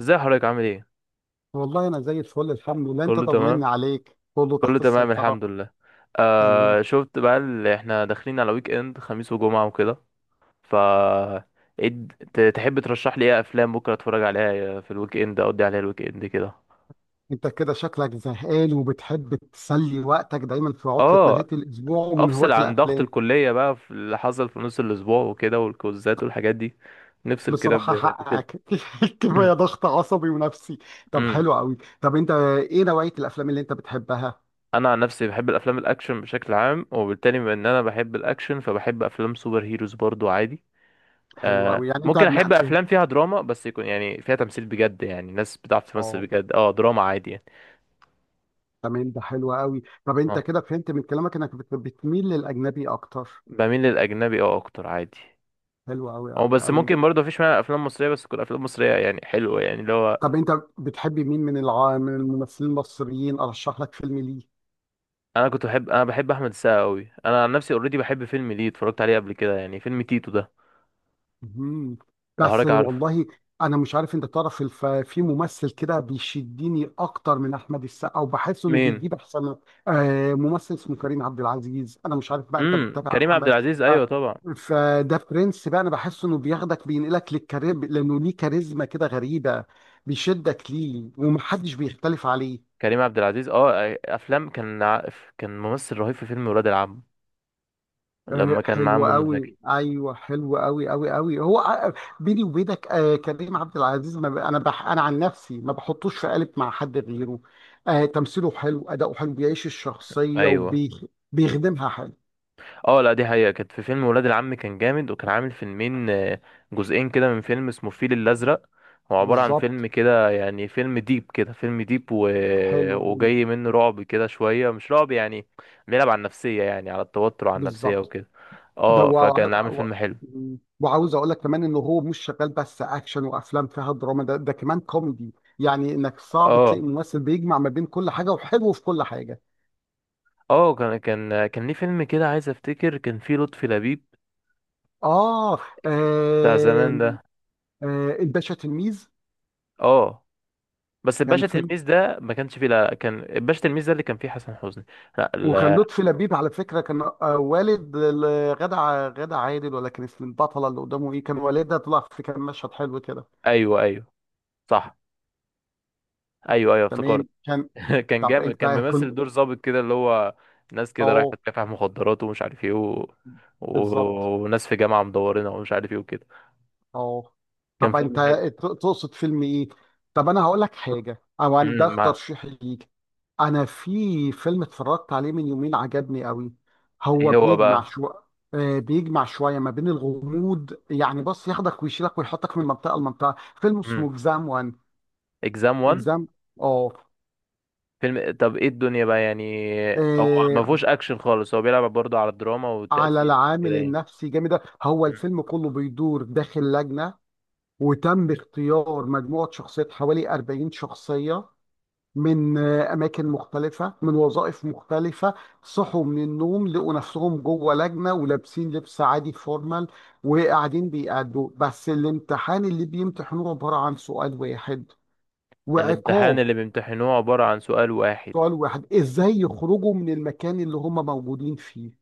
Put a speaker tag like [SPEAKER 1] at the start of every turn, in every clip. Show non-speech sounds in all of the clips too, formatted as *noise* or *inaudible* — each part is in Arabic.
[SPEAKER 1] ازاي حضرتك عامل ايه؟
[SPEAKER 2] والله انا زي الفل الحمد لله. انت
[SPEAKER 1] كله تمام.
[SPEAKER 2] طمني عليك، كله
[SPEAKER 1] كله
[SPEAKER 2] تحت
[SPEAKER 1] تمام
[SPEAKER 2] السيطرة.
[SPEAKER 1] الحمد لله.
[SPEAKER 2] تمام.
[SPEAKER 1] آه، شفت بقى اللي احنا داخلين على ويك اند، خميس وجمعة وكده. ف ايه تحب ترشح لي ايه افلام بكره اتفرج عليها في الويك اند، اقضي عليها الويك اند كده.
[SPEAKER 2] انت كده شكلك زهقان وبتحب تسلي وقتك دايما في عطلة نهاية
[SPEAKER 1] اه،
[SPEAKER 2] الاسبوع ومن
[SPEAKER 1] افصل
[SPEAKER 2] هواة
[SPEAKER 1] عن ضغط
[SPEAKER 2] الافلام.
[SPEAKER 1] الكلية بقى في اللي حصل في نص الاسبوع وكده والكوزات والحاجات دي. نفصل كده
[SPEAKER 2] بصراحة
[SPEAKER 1] بفيلم.
[SPEAKER 2] حقك. *laughs* كفاية
[SPEAKER 1] *clears throat*
[SPEAKER 2] ضغط عصبي ونفسي. طب
[SPEAKER 1] امم
[SPEAKER 2] حلو قوي، طب انت ايه نوعية الافلام اللي انت بتحبها؟
[SPEAKER 1] انا عن نفسي بحب الافلام الاكشن بشكل عام، وبالتالي بما ان انا بحب الاكشن فبحب افلام سوبر هيروز برضو عادي.
[SPEAKER 2] حلو
[SPEAKER 1] آه،
[SPEAKER 2] قوي، يعني انت
[SPEAKER 1] ممكن
[SPEAKER 2] ما
[SPEAKER 1] احب
[SPEAKER 2] فهم.
[SPEAKER 1] افلام فيها دراما، بس يكون يعني فيها تمثيل بجد، يعني ناس بتعرف تمثل
[SPEAKER 2] اه
[SPEAKER 1] بجد. اه دراما عادي يعني.
[SPEAKER 2] تمام، ده حلو قوي. طب انت
[SPEAKER 1] اه
[SPEAKER 2] كده فهمت من كلامك انك بتميل للاجنبي اكتر.
[SPEAKER 1] بميل للاجنبي، اه اكتر عادي.
[SPEAKER 2] حلو قوي
[SPEAKER 1] او
[SPEAKER 2] قوي
[SPEAKER 1] بس
[SPEAKER 2] قوي.
[SPEAKER 1] ممكن برضه مفيش مانع افلام مصريه، بس تكون افلام مصريه يعني حلوه، يعني اللي هو
[SPEAKER 2] طب انت بتحبي مين من من الممثلين المصريين ارشح لك فيلم ليه؟
[SPEAKER 1] انا بحب احمد السقا قوي. انا عن نفسي اوريدي بحب فيلم ليه اتفرجت عليه قبل كده، يعني فيلم تيتو ده.
[SPEAKER 2] مهم.
[SPEAKER 1] لو
[SPEAKER 2] بس
[SPEAKER 1] حضرتك عارفه.
[SPEAKER 2] والله انا مش عارف انت تعرف في ممثل كده بيشدني اكتر من احمد السقا، وبحس انه
[SPEAKER 1] مين؟
[SPEAKER 2] بيجيب احسن آه، ممثل اسمه كريم عبد العزيز. انا مش عارف بقى انت بتتابع
[SPEAKER 1] كريم عبد
[SPEAKER 2] عمل.
[SPEAKER 1] العزيز، ايوه
[SPEAKER 2] آه.
[SPEAKER 1] طبعا.
[SPEAKER 2] فده برنس بقى، انا بحس انه بياخدك بينقلك للكارير لانه ليه كاريزما كده غريبة، بيشدك ليه ومحدش بيختلف عليه.
[SPEAKER 1] كريم عبد العزيز، اه افلام كان ممثل رهيب في فيلم ولاد العم،
[SPEAKER 2] آه،
[SPEAKER 1] لما كان معاه
[SPEAKER 2] حلو
[SPEAKER 1] منى
[SPEAKER 2] قوي،
[SPEAKER 1] زكي.
[SPEAKER 2] ايوه حلو قوي قوي قوي. بيني وبينك آه، كريم عبد العزيز ما ب... انا بح... انا عن نفسي ما بحطوش في قالب مع حد غيره. آه، تمثيله حلو، اداؤه حلو، بيعيش الشخصيه
[SPEAKER 1] ايوه.
[SPEAKER 2] وبيخدمها حلو.
[SPEAKER 1] اه لا، دي حقيقة، كانت في فيلم ولاد العم كان جامد، وكان عامل فيلمين، آه، جزئين كده، من فيلم اسمه الفيل الأزرق. هو عبارة عن فيلم
[SPEAKER 2] بالظبط،
[SPEAKER 1] كده يعني، فيلم ديب كده، فيلم ديب
[SPEAKER 2] حلو قوي.
[SPEAKER 1] وجاي منه رعب كده شوية، مش رعب يعني، بيلعب على النفسية، يعني على التوتر وعلى النفسية
[SPEAKER 2] بالظبط.
[SPEAKER 1] وكده.
[SPEAKER 2] ده
[SPEAKER 1] اه،
[SPEAKER 2] وع...
[SPEAKER 1] فكان عامل
[SPEAKER 2] وع...
[SPEAKER 1] فيلم حلو.
[SPEAKER 2] وعاوز اقول لك كمان انه هو مش شغال بس اكشن وافلام فيها دراما، ده كمان كوميدي. يعني انك صعب تلاقي
[SPEAKER 1] اه
[SPEAKER 2] ممثل بيجمع ما بين كل حاجه وحلو في كل حاجه.
[SPEAKER 1] اه، كان ليه فيلم كده، عايز افتكر كان فيه لطفي لبيب،
[SPEAKER 2] اه
[SPEAKER 1] ك- بتاع
[SPEAKER 2] آه،
[SPEAKER 1] زمان ده.
[SPEAKER 2] آه، الباشا تلميذ
[SPEAKER 1] اه، بس
[SPEAKER 2] كان
[SPEAKER 1] الباشا
[SPEAKER 2] فيلم.
[SPEAKER 1] تلميذ ده ما كانش فيه، لا كان الباشا تلميذ ده اللي كان فيه حسن حسني. لا
[SPEAKER 2] وكان
[SPEAKER 1] لا.
[SPEAKER 2] لطفي لبيب على فكره، كان آه، والد غادة عادل، ولا كان اسم البطله اللي قدامه ايه، كان والدها طلع في، كان مشهد حلو كده.
[SPEAKER 1] ايوه ايوه صح. ايوه ايوه افتكرت.
[SPEAKER 2] تمام كان.
[SPEAKER 1] *laughs* كان
[SPEAKER 2] طب
[SPEAKER 1] جامد،
[SPEAKER 2] انت
[SPEAKER 1] كان
[SPEAKER 2] كنت،
[SPEAKER 1] ممثل دور ظابط كده، اللي هو ناس كده رايحه
[SPEAKER 2] اه
[SPEAKER 1] تكافح مخدرات ومش عارف ايه و...
[SPEAKER 2] بالظبط
[SPEAKER 1] وناس في جامعه مدورينها ومش عارف ايه وكده.
[SPEAKER 2] اه.
[SPEAKER 1] كان
[SPEAKER 2] طب انت
[SPEAKER 1] فيلم حلو.
[SPEAKER 2] تقصد فيلم ايه؟ طب انا هقول لك حاجه، ده
[SPEAKER 1] امم
[SPEAKER 2] ترشيحي ليك. انا في فيلم اتفرجت عليه من يومين عجبني قوي. هو
[SPEAKER 1] ايه هو
[SPEAKER 2] بيجمع
[SPEAKER 1] بقى؟
[SPEAKER 2] شو، آه، بيجمع شويه ما بين الغموض. يعني بص، ياخدك ويشيلك ويحطك من منطقه لمنطقه. فيلم
[SPEAKER 1] امم
[SPEAKER 2] اسمه اكزام وان.
[SPEAKER 1] اكزام 1.
[SPEAKER 2] اكزام اه.
[SPEAKER 1] فيلم، طب ايه الدنيا بقى يعني؟ هو ما
[SPEAKER 2] آه،
[SPEAKER 1] فيهوش اكشن خالص، هو بيلعب برضه على الدراما
[SPEAKER 2] على
[SPEAKER 1] والتأثير كده
[SPEAKER 2] العامل
[SPEAKER 1] يعني.
[SPEAKER 2] النفسي جامد ده. هو
[SPEAKER 1] مم.
[SPEAKER 2] الفيلم كله بيدور داخل لجنه، وتم اختيار مجموعه شخصيات حوالي 40 شخصيه من آه، أماكن مختلفة، من وظائف مختلفة. صحوا من النوم لقوا نفسهم جوه لجنة ولابسين لبس عادي فورمال، وقاعدين بيأدوا بس. الامتحان اللي بيمتحنوه عبارة عن سؤال واحد
[SPEAKER 1] الامتحان
[SPEAKER 2] وعقاب.
[SPEAKER 1] اللي بيمتحنوه عباره عن سؤال واحد.
[SPEAKER 2] سؤال واحد، إزاي يخرجوا من المكان اللي هم موجودين فيه.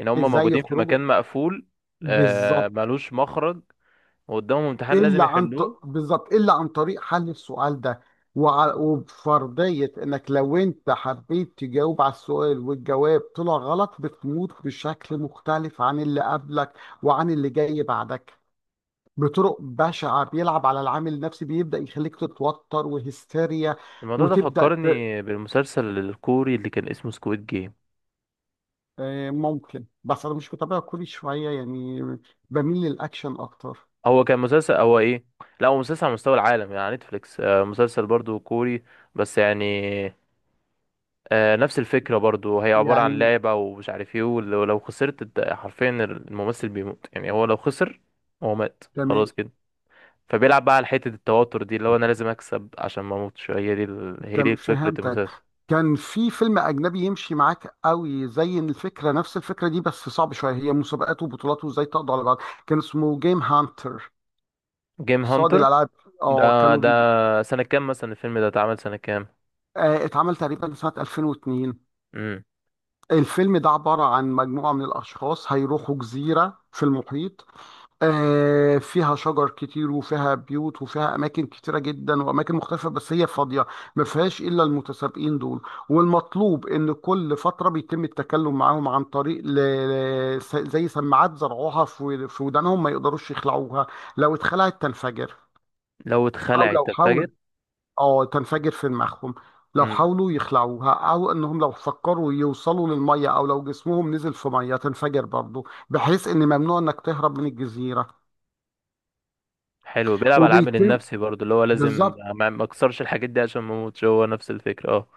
[SPEAKER 1] ان هم
[SPEAKER 2] إزاي
[SPEAKER 1] موجودين في مكان
[SPEAKER 2] يخرجوا،
[SPEAKER 1] مقفول، آه
[SPEAKER 2] بالظبط.
[SPEAKER 1] ملوش مخرج، وقدامهم امتحان لازم يحلوه.
[SPEAKER 2] بالظبط، الا عن طريق حل السؤال ده. وبفرضيه انك لو انت حبيت تجاوب على السؤال والجواب طلع غلط، بتموت بشكل مختلف عن اللي قبلك وعن اللي جاي بعدك، بطرق بشعه. بيلعب على العامل النفسي، بيبدا يخليك تتوتر وهستيريا،
[SPEAKER 1] الموضوع ده
[SPEAKER 2] وتبدا
[SPEAKER 1] فكرني بالمسلسل الكوري اللي كان اسمه سكويد جيم.
[SPEAKER 2] آه، ممكن بس انا مش متابع كل شويه، يعني بميل للاكشن اكتر.
[SPEAKER 1] هو كان مسلسل، هو ايه، لا هو مسلسل على مستوى العالم يعني، على نتفليكس. آه، مسلسل برضو كوري بس يعني. آه، نفس الفكرة برضو، هي عبارة عن
[SPEAKER 2] يعني
[SPEAKER 1] لعبة ومش عارف ايه، ولو، لو خسرت انت حرفيا الممثل بيموت يعني، هو لو خسر هو مات
[SPEAKER 2] تمام،
[SPEAKER 1] خلاص كده. فبيلعب بقى على حتة التوتر دي، اللي هو انا لازم اكسب عشان ما اموتش، هي دي هي
[SPEAKER 2] تم
[SPEAKER 1] دي فكرة
[SPEAKER 2] فهمتك.
[SPEAKER 1] المسلسل.
[SPEAKER 2] كان في فيلم أجنبي يمشي معاك قوي زي الفكرة، نفس الفكرة دي بس صعب شوية، هي مسابقات وبطولات وازاي تقضي على بعض. كان اسمه جيم هانتر،
[SPEAKER 1] جيم
[SPEAKER 2] صاد
[SPEAKER 1] هانتر.
[SPEAKER 2] الألعاب. اه
[SPEAKER 1] ده
[SPEAKER 2] كانوا
[SPEAKER 1] ده سنة كام مثلا؟ الفيلم ده اتعمل سنة كام؟
[SPEAKER 2] آه اتعمل تقريبا سنة 2002. الفيلم ده عبارة عن مجموعة من الأشخاص هيروحوا جزيرة في المحيط، آه، فيها شجر كتير وفيها بيوت وفيها أماكن كتيرة جدا وأماكن مختلفة، بس هي فاضية، ما فيهاش إلا المتسابقين دول. والمطلوب إن كل فترة بيتم التكلم معاهم عن طريق زي سماعات زرعوها في ودانهم، ما يقدروش يخلعوها، لو اتخلعت تنفجر.
[SPEAKER 1] لو
[SPEAKER 2] أو
[SPEAKER 1] اتخلع
[SPEAKER 2] لو
[SPEAKER 1] انت فاكر.
[SPEAKER 2] حاول، اه تنفجر في دماغهم. لو
[SPEAKER 1] امم
[SPEAKER 2] حاولوا يخلعوها، او انهم لو فكروا يوصلوا للميه او لو جسمهم نزل في ميه، تنفجر برضه، بحيث ان ممنوع انك تهرب من الجزيره.
[SPEAKER 1] حلو، بيلعب على العامل
[SPEAKER 2] وبيتم،
[SPEAKER 1] النفسي برضو، اللي هو لازم
[SPEAKER 2] بالظبط.
[SPEAKER 1] ما اكسرش الحاجات دي عشان ما اموتش، هو نفس الفكره اه.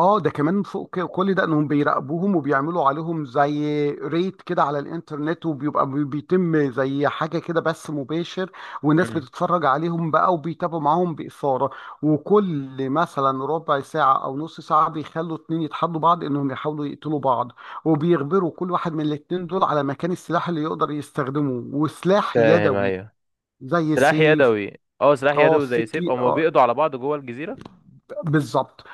[SPEAKER 2] اه ده كمان فوق كل ده انهم بيراقبوهم وبيعملوا عليهم زي ريت كده على الانترنت، وبيبقى بيتم زي حاجه كده بث مباشر، والناس
[SPEAKER 1] امم
[SPEAKER 2] بتتفرج عليهم بقى وبيتابعوا معاهم باثاره. وكل مثلا ربع ساعه او نص ساعه بيخلوا اتنين يتحدوا بعض انهم يحاولوا يقتلوا بعض، وبيخبروا كل واحد من الاتنين دول على مكان السلاح اللي يقدر يستخدمه، وسلاح
[SPEAKER 1] فاهم
[SPEAKER 2] يدوي
[SPEAKER 1] ايوه.
[SPEAKER 2] زي
[SPEAKER 1] سلاح
[SPEAKER 2] سيف،
[SPEAKER 1] يدوي اه، سلاح
[SPEAKER 2] اه
[SPEAKER 1] يدوي زي سيف،
[SPEAKER 2] سكين،
[SPEAKER 1] او ما بيقضوا على بعض جوه الجزيره.
[SPEAKER 2] بالظبط.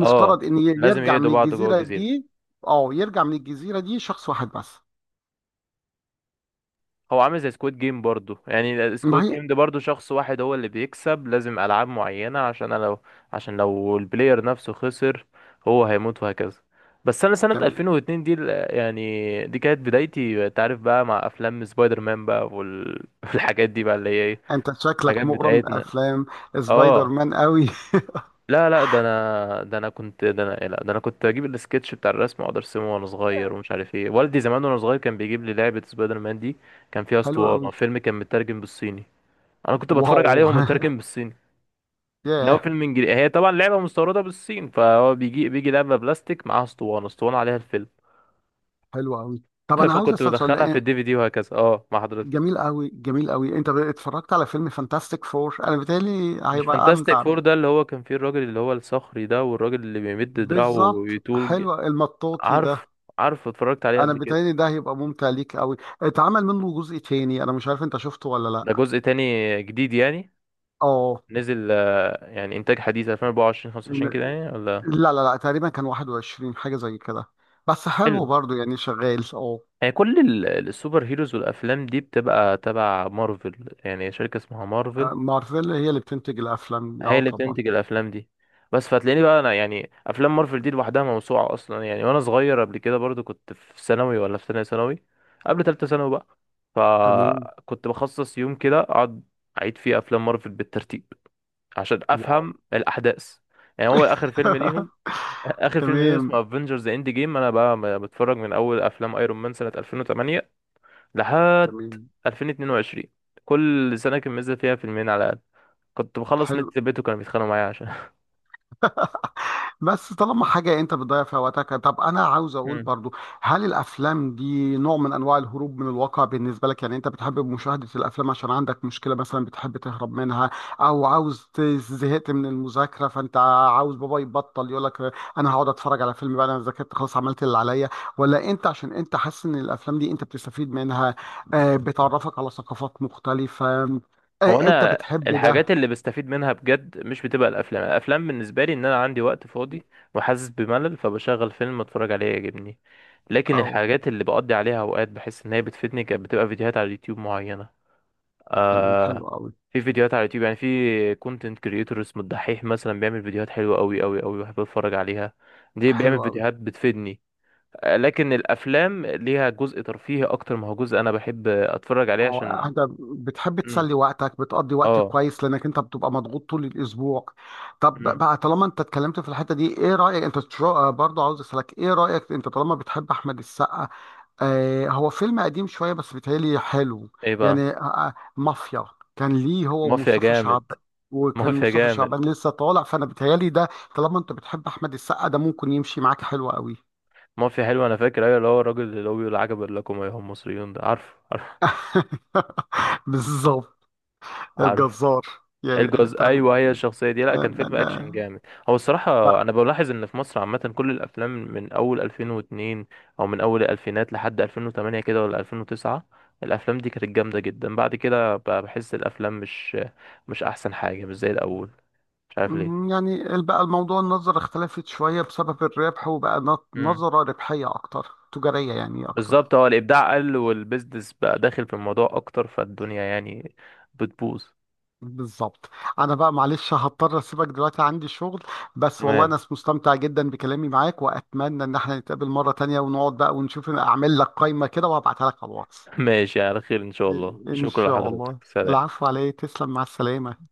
[SPEAKER 1] اه
[SPEAKER 2] ان
[SPEAKER 1] لازم
[SPEAKER 2] يرجع
[SPEAKER 1] يقضوا
[SPEAKER 2] من
[SPEAKER 1] بعض جوه
[SPEAKER 2] الجزيره
[SPEAKER 1] الجزيره.
[SPEAKER 2] دي، اه يرجع من الجزيره دي شخص واحد بس.
[SPEAKER 1] هو عامل زي سكواد جيم برضو يعني،
[SPEAKER 2] ما
[SPEAKER 1] سكواد
[SPEAKER 2] هي
[SPEAKER 1] جيم ده برضو شخص واحد هو اللي بيكسب، لازم ألعاب معينة عشان أنا لو، عشان لو البلاير نفسه خسر هو هيموت وهكذا. بس أنا سنة
[SPEAKER 2] تمام.
[SPEAKER 1] 2002 دي يعني دي كانت بدايتي، أنت عارف بقى، مع أفلام سبايدر مان بقى *laughs* والحاجات دي بقى اللي هي إيه
[SPEAKER 2] انت شكلك
[SPEAKER 1] الحاجات
[SPEAKER 2] مغرم
[SPEAKER 1] بتاعتنا.
[SPEAKER 2] بافلام سبايدر
[SPEAKER 1] اه
[SPEAKER 2] مان قوي.
[SPEAKER 1] لا لا، ده انا ده انا كنت ده انا لا ده انا كنت اجيب السكتش بتاع الرسم واقعد ارسمه وانا صغير ومش عارف ايه. والدي زمان وانا صغير كان بيجيب لي لعبة سبايدر مان دي، كان فيها
[SPEAKER 2] *laughs* حلو
[SPEAKER 1] اسطوانة
[SPEAKER 2] قوي.
[SPEAKER 1] فيلم كان مترجم بالصيني. انا كنت بتفرج
[SPEAKER 2] واو،
[SPEAKER 1] عليهم مترجم بالصيني،
[SPEAKER 2] *laughs*
[SPEAKER 1] اللي هو
[SPEAKER 2] ياه.
[SPEAKER 1] فيلم انجليزي، هي طبعا لعبه مستورده بالصين، فهو بيجي لعبه بلاستيك معاها اسطوانه عليها الفيلم.
[SPEAKER 2] حلو قوي. طب
[SPEAKER 1] *laughs*
[SPEAKER 2] انا عاوز
[SPEAKER 1] فكنت
[SPEAKER 2] اسال
[SPEAKER 1] بدخلها في
[SPEAKER 2] سؤال،
[SPEAKER 1] الدي في دي وهكذا، اه مع حضرتك.
[SPEAKER 2] جميل قوي جميل قوي. انت اتفرجت على فيلم فانتاستيك فور؟ انا بيتهيألي
[SPEAKER 1] مش
[SPEAKER 2] هيبقى
[SPEAKER 1] فانتاستيك
[SPEAKER 2] امتع.
[SPEAKER 1] فور ده اللي هو كان فيه الراجل اللي هو الصخري ده، والراجل اللي بيمد دراعه
[SPEAKER 2] بالظبط،
[SPEAKER 1] ويطول،
[SPEAKER 2] حلو المطاطي ده.
[SPEAKER 1] عارف. عارف، اتفرجت عليه
[SPEAKER 2] انا
[SPEAKER 1] قبل كده.
[SPEAKER 2] بيتهيألي ده هيبقى ممتع ليك قوي. اتعمل منه جزء تاني، انا مش عارف انت شفته ولا
[SPEAKER 1] ده
[SPEAKER 2] لا.
[SPEAKER 1] جزء تاني جديد يعني؟
[SPEAKER 2] اه
[SPEAKER 1] نزل آه، يعني انتاج حديث 2024 25 كده يعني، ولا؟
[SPEAKER 2] لا تقريبا كان 21 حاجة زي كده، بس حلو
[SPEAKER 1] حلو.
[SPEAKER 2] برضو يعني شغال اه.
[SPEAKER 1] هي كل السوبر هيروز والافلام دي بتبقى تبع مارفل، يعني شركة اسمها مارفل
[SPEAKER 2] مارفل هي اللي بتنتج الأفلام،
[SPEAKER 1] هي
[SPEAKER 2] اه
[SPEAKER 1] اللي
[SPEAKER 2] طبعا.
[SPEAKER 1] بتنتج الافلام دي. بس فتلاقيني بقى انا يعني، افلام مارفل دي لوحدها موسوعه اصلا يعني. وانا صغير قبل كده برضو كنت في ثانوي، ولا في ثانيه ثانوي قبل ثالثه ثانوي بقى،
[SPEAKER 2] تمام.
[SPEAKER 1] فكنت بخصص يوم كده اقعد اعيد فيه افلام مارفل بالترتيب عشان
[SPEAKER 2] واو.
[SPEAKER 1] افهم الاحداث. يعني هو اخر فيلم ليهم،
[SPEAKER 2] *laughs*
[SPEAKER 1] اخر فيلم ليهم
[SPEAKER 2] تمام
[SPEAKER 1] اسمه افنجرز اند جيم. انا بقى بتفرج من اول افلام ايرون مان سنه 2008 لحد
[SPEAKER 2] تمام،
[SPEAKER 1] 2022. كل سنه كان منزل فيها فيلمين على الاقل. كنت بخلص نت
[SPEAKER 2] حلو.
[SPEAKER 1] في البيت وكانوا بيتخانقوا معايا.
[SPEAKER 2] بس طالما حاجة انت بتضيع فيها وقتك، طب انا عاوز اقول
[SPEAKER 1] مم.
[SPEAKER 2] برضو، هل الافلام دي نوع من انواع الهروب من الواقع بالنسبة لك؟ يعني انت بتحب مشاهدة الافلام عشان عندك مشكلة مثلا بتحب تهرب منها، او عاوز زهقت من المذاكرة، فانت عاوز بابا يبطل يقول لك انا هقعد اتفرج على فيلم بقى، انا ذاكرت خلاص عملت اللي عليا؟ ولا انت عشان انت حاسس ان الافلام دي انت بتستفيد منها، آه، بتعرفك على ثقافات مختلفة،
[SPEAKER 1] هو
[SPEAKER 2] آه، انت
[SPEAKER 1] انا،
[SPEAKER 2] بتحب
[SPEAKER 1] الحاجات
[SPEAKER 2] ده؟
[SPEAKER 1] اللي بستفيد منها بجد مش بتبقى الافلام، الافلام بالنسبه لي ان انا عندي وقت فاضي وحاسس بملل فبشغل فيلم اتفرج عليه يعجبني. لكن
[SPEAKER 2] او
[SPEAKER 1] الحاجات اللي بقضي عليها اوقات بحس ان هي بتفيدني كانت بتبقى فيديوهات على اليوتيوب معينه.
[SPEAKER 2] تمام،
[SPEAKER 1] آه.
[SPEAKER 2] حلو قوي
[SPEAKER 1] في فيديوهات على اليوتيوب يعني، في كونتنت كريتور اسمه الدحيح مثلا، بيعمل فيديوهات حلوه قوي قوي قوي، بحب اتفرج عليها. دي
[SPEAKER 2] حلو
[SPEAKER 1] بيعمل
[SPEAKER 2] قوي.
[SPEAKER 1] فيديوهات بتفيدني. آه، لكن الافلام ليها جزء ترفيهي اكتر، ما هو جزء انا بحب اتفرج عليه
[SPEAKER 2] اه
[SPEAKER 1] عشان.
[SPEAKER 2] انت بتحب
[SPEAKER 1] مم.
[SPEAKER 2] تسلي وقتك، بتقضي وقت
[SPEAKER 1] اه.
[SPEAKER 2] كويس لانك انت بتبقى مضغوط طول الاسبوع. طب
[SPEAKER 1] مم.
[SPEAKER 2] بقى طالما انت اتكلمت في الحته دي، ايه رايك انت برضه عاوز اسالك، ايه رايك انت طالما بتحب احمد السقا؟ آه هو فيلم قديم شويه بس بيتهيألي حلو.
[SPEAKER 1] ايه بقى؟
[SPEAKER 2] يعني آه، آه، مافيا، كان ليه هو
[SPEAKER 1] مافيا
[SPEAKER 2] ومصطفى
[SPEAKER 1] جامد.
[SPEAKER 2] شعبان، وكان
[SPEAKER 1] مافيا
[SPEAKER 2] مصطفى
[SPEAKER 1] جامد.
[SPEAKER 2] شعبان لسه طالع فانا بيتهيألي ده طالما انت بتحب احمد السقا ده ممكن يمشي معاك حلو قوي.
[SPEAKER 1] مافيا حلو. انا فاكر، ايوه اللي هو الراجل اللي هو بيقول عجبا لكم ايها المصريون ده، عارف عارف
[SPEAKER 2] *laughs* بالظبط،
[SPEAKER 1] عارف.
[SPEAKER 2] الجزار يعني.
[SPEAKER 1] الجزء ايوه، هي
[SPEAKER 2] تمام
[SPEAKER 1] الشخصيه دي،
[SPEAKER 2] آه،
[SPEAKER 1] لا كان
[SPEAKER 2] آه،
[SPEAKER 1] فيلم اكشن
[SPEAKER 2] آه.
[SPEAKER 1] جامد. هو الصراحه
[SPEAKER 2] بقى،
[SPEAKER 1] انا بلاحظ ان في مصر عامه كل الافلام من اول 2002، او من اول الالفينات لحد 2008 كده ولا 2009، الافلام دي كانت جامده جدا. بعد كده بقى بحس الافلام مش، احسن حاجه، مش زي الاول. مش عارف
[SPEAKER 2] مم، يعني بقى الموضوع النظرة اختلفت شوية بسبب الربح، وبقى
[SPEAKER 1] ليه.
[SPEAKER 2] نظرة ربحية أكتر، تجارية يعني أكتر.
[SPEAKER 1] بالظبط، هو الابداع قل والبيزنس بقى داخل في الموضوع اكتر، فالدنيا يعني بتبوظ.
[SPEAKER 2] بالظبط. أنا بقى معلش هضطر أسيبك دلوقتي، عندي شغل، بس والله
[SPEAKER 1] تمام.
[SPEAKER 2] أنا مستمتع جدا بكلامي معاك، وأتمنى إن احنا نتقابل مرة تانية ونقعد بقى ونشوف، أعمل لك قايمة كده وهبعتها لك على الواتس.
[SPEAKER 1] *laughs* ماشي على خير ان شاء الله،
[SPEAKER 2] إن
[SPEAKER 1] شكرا
[SPEAKER 2] شاء
[SPEAKER 1] لحضرتك،
[SPEAKER 2] الله،
[SPEAKER 1] سلام.
[SPEAKER 2] العفو عليك، تسلم، مع السلامة.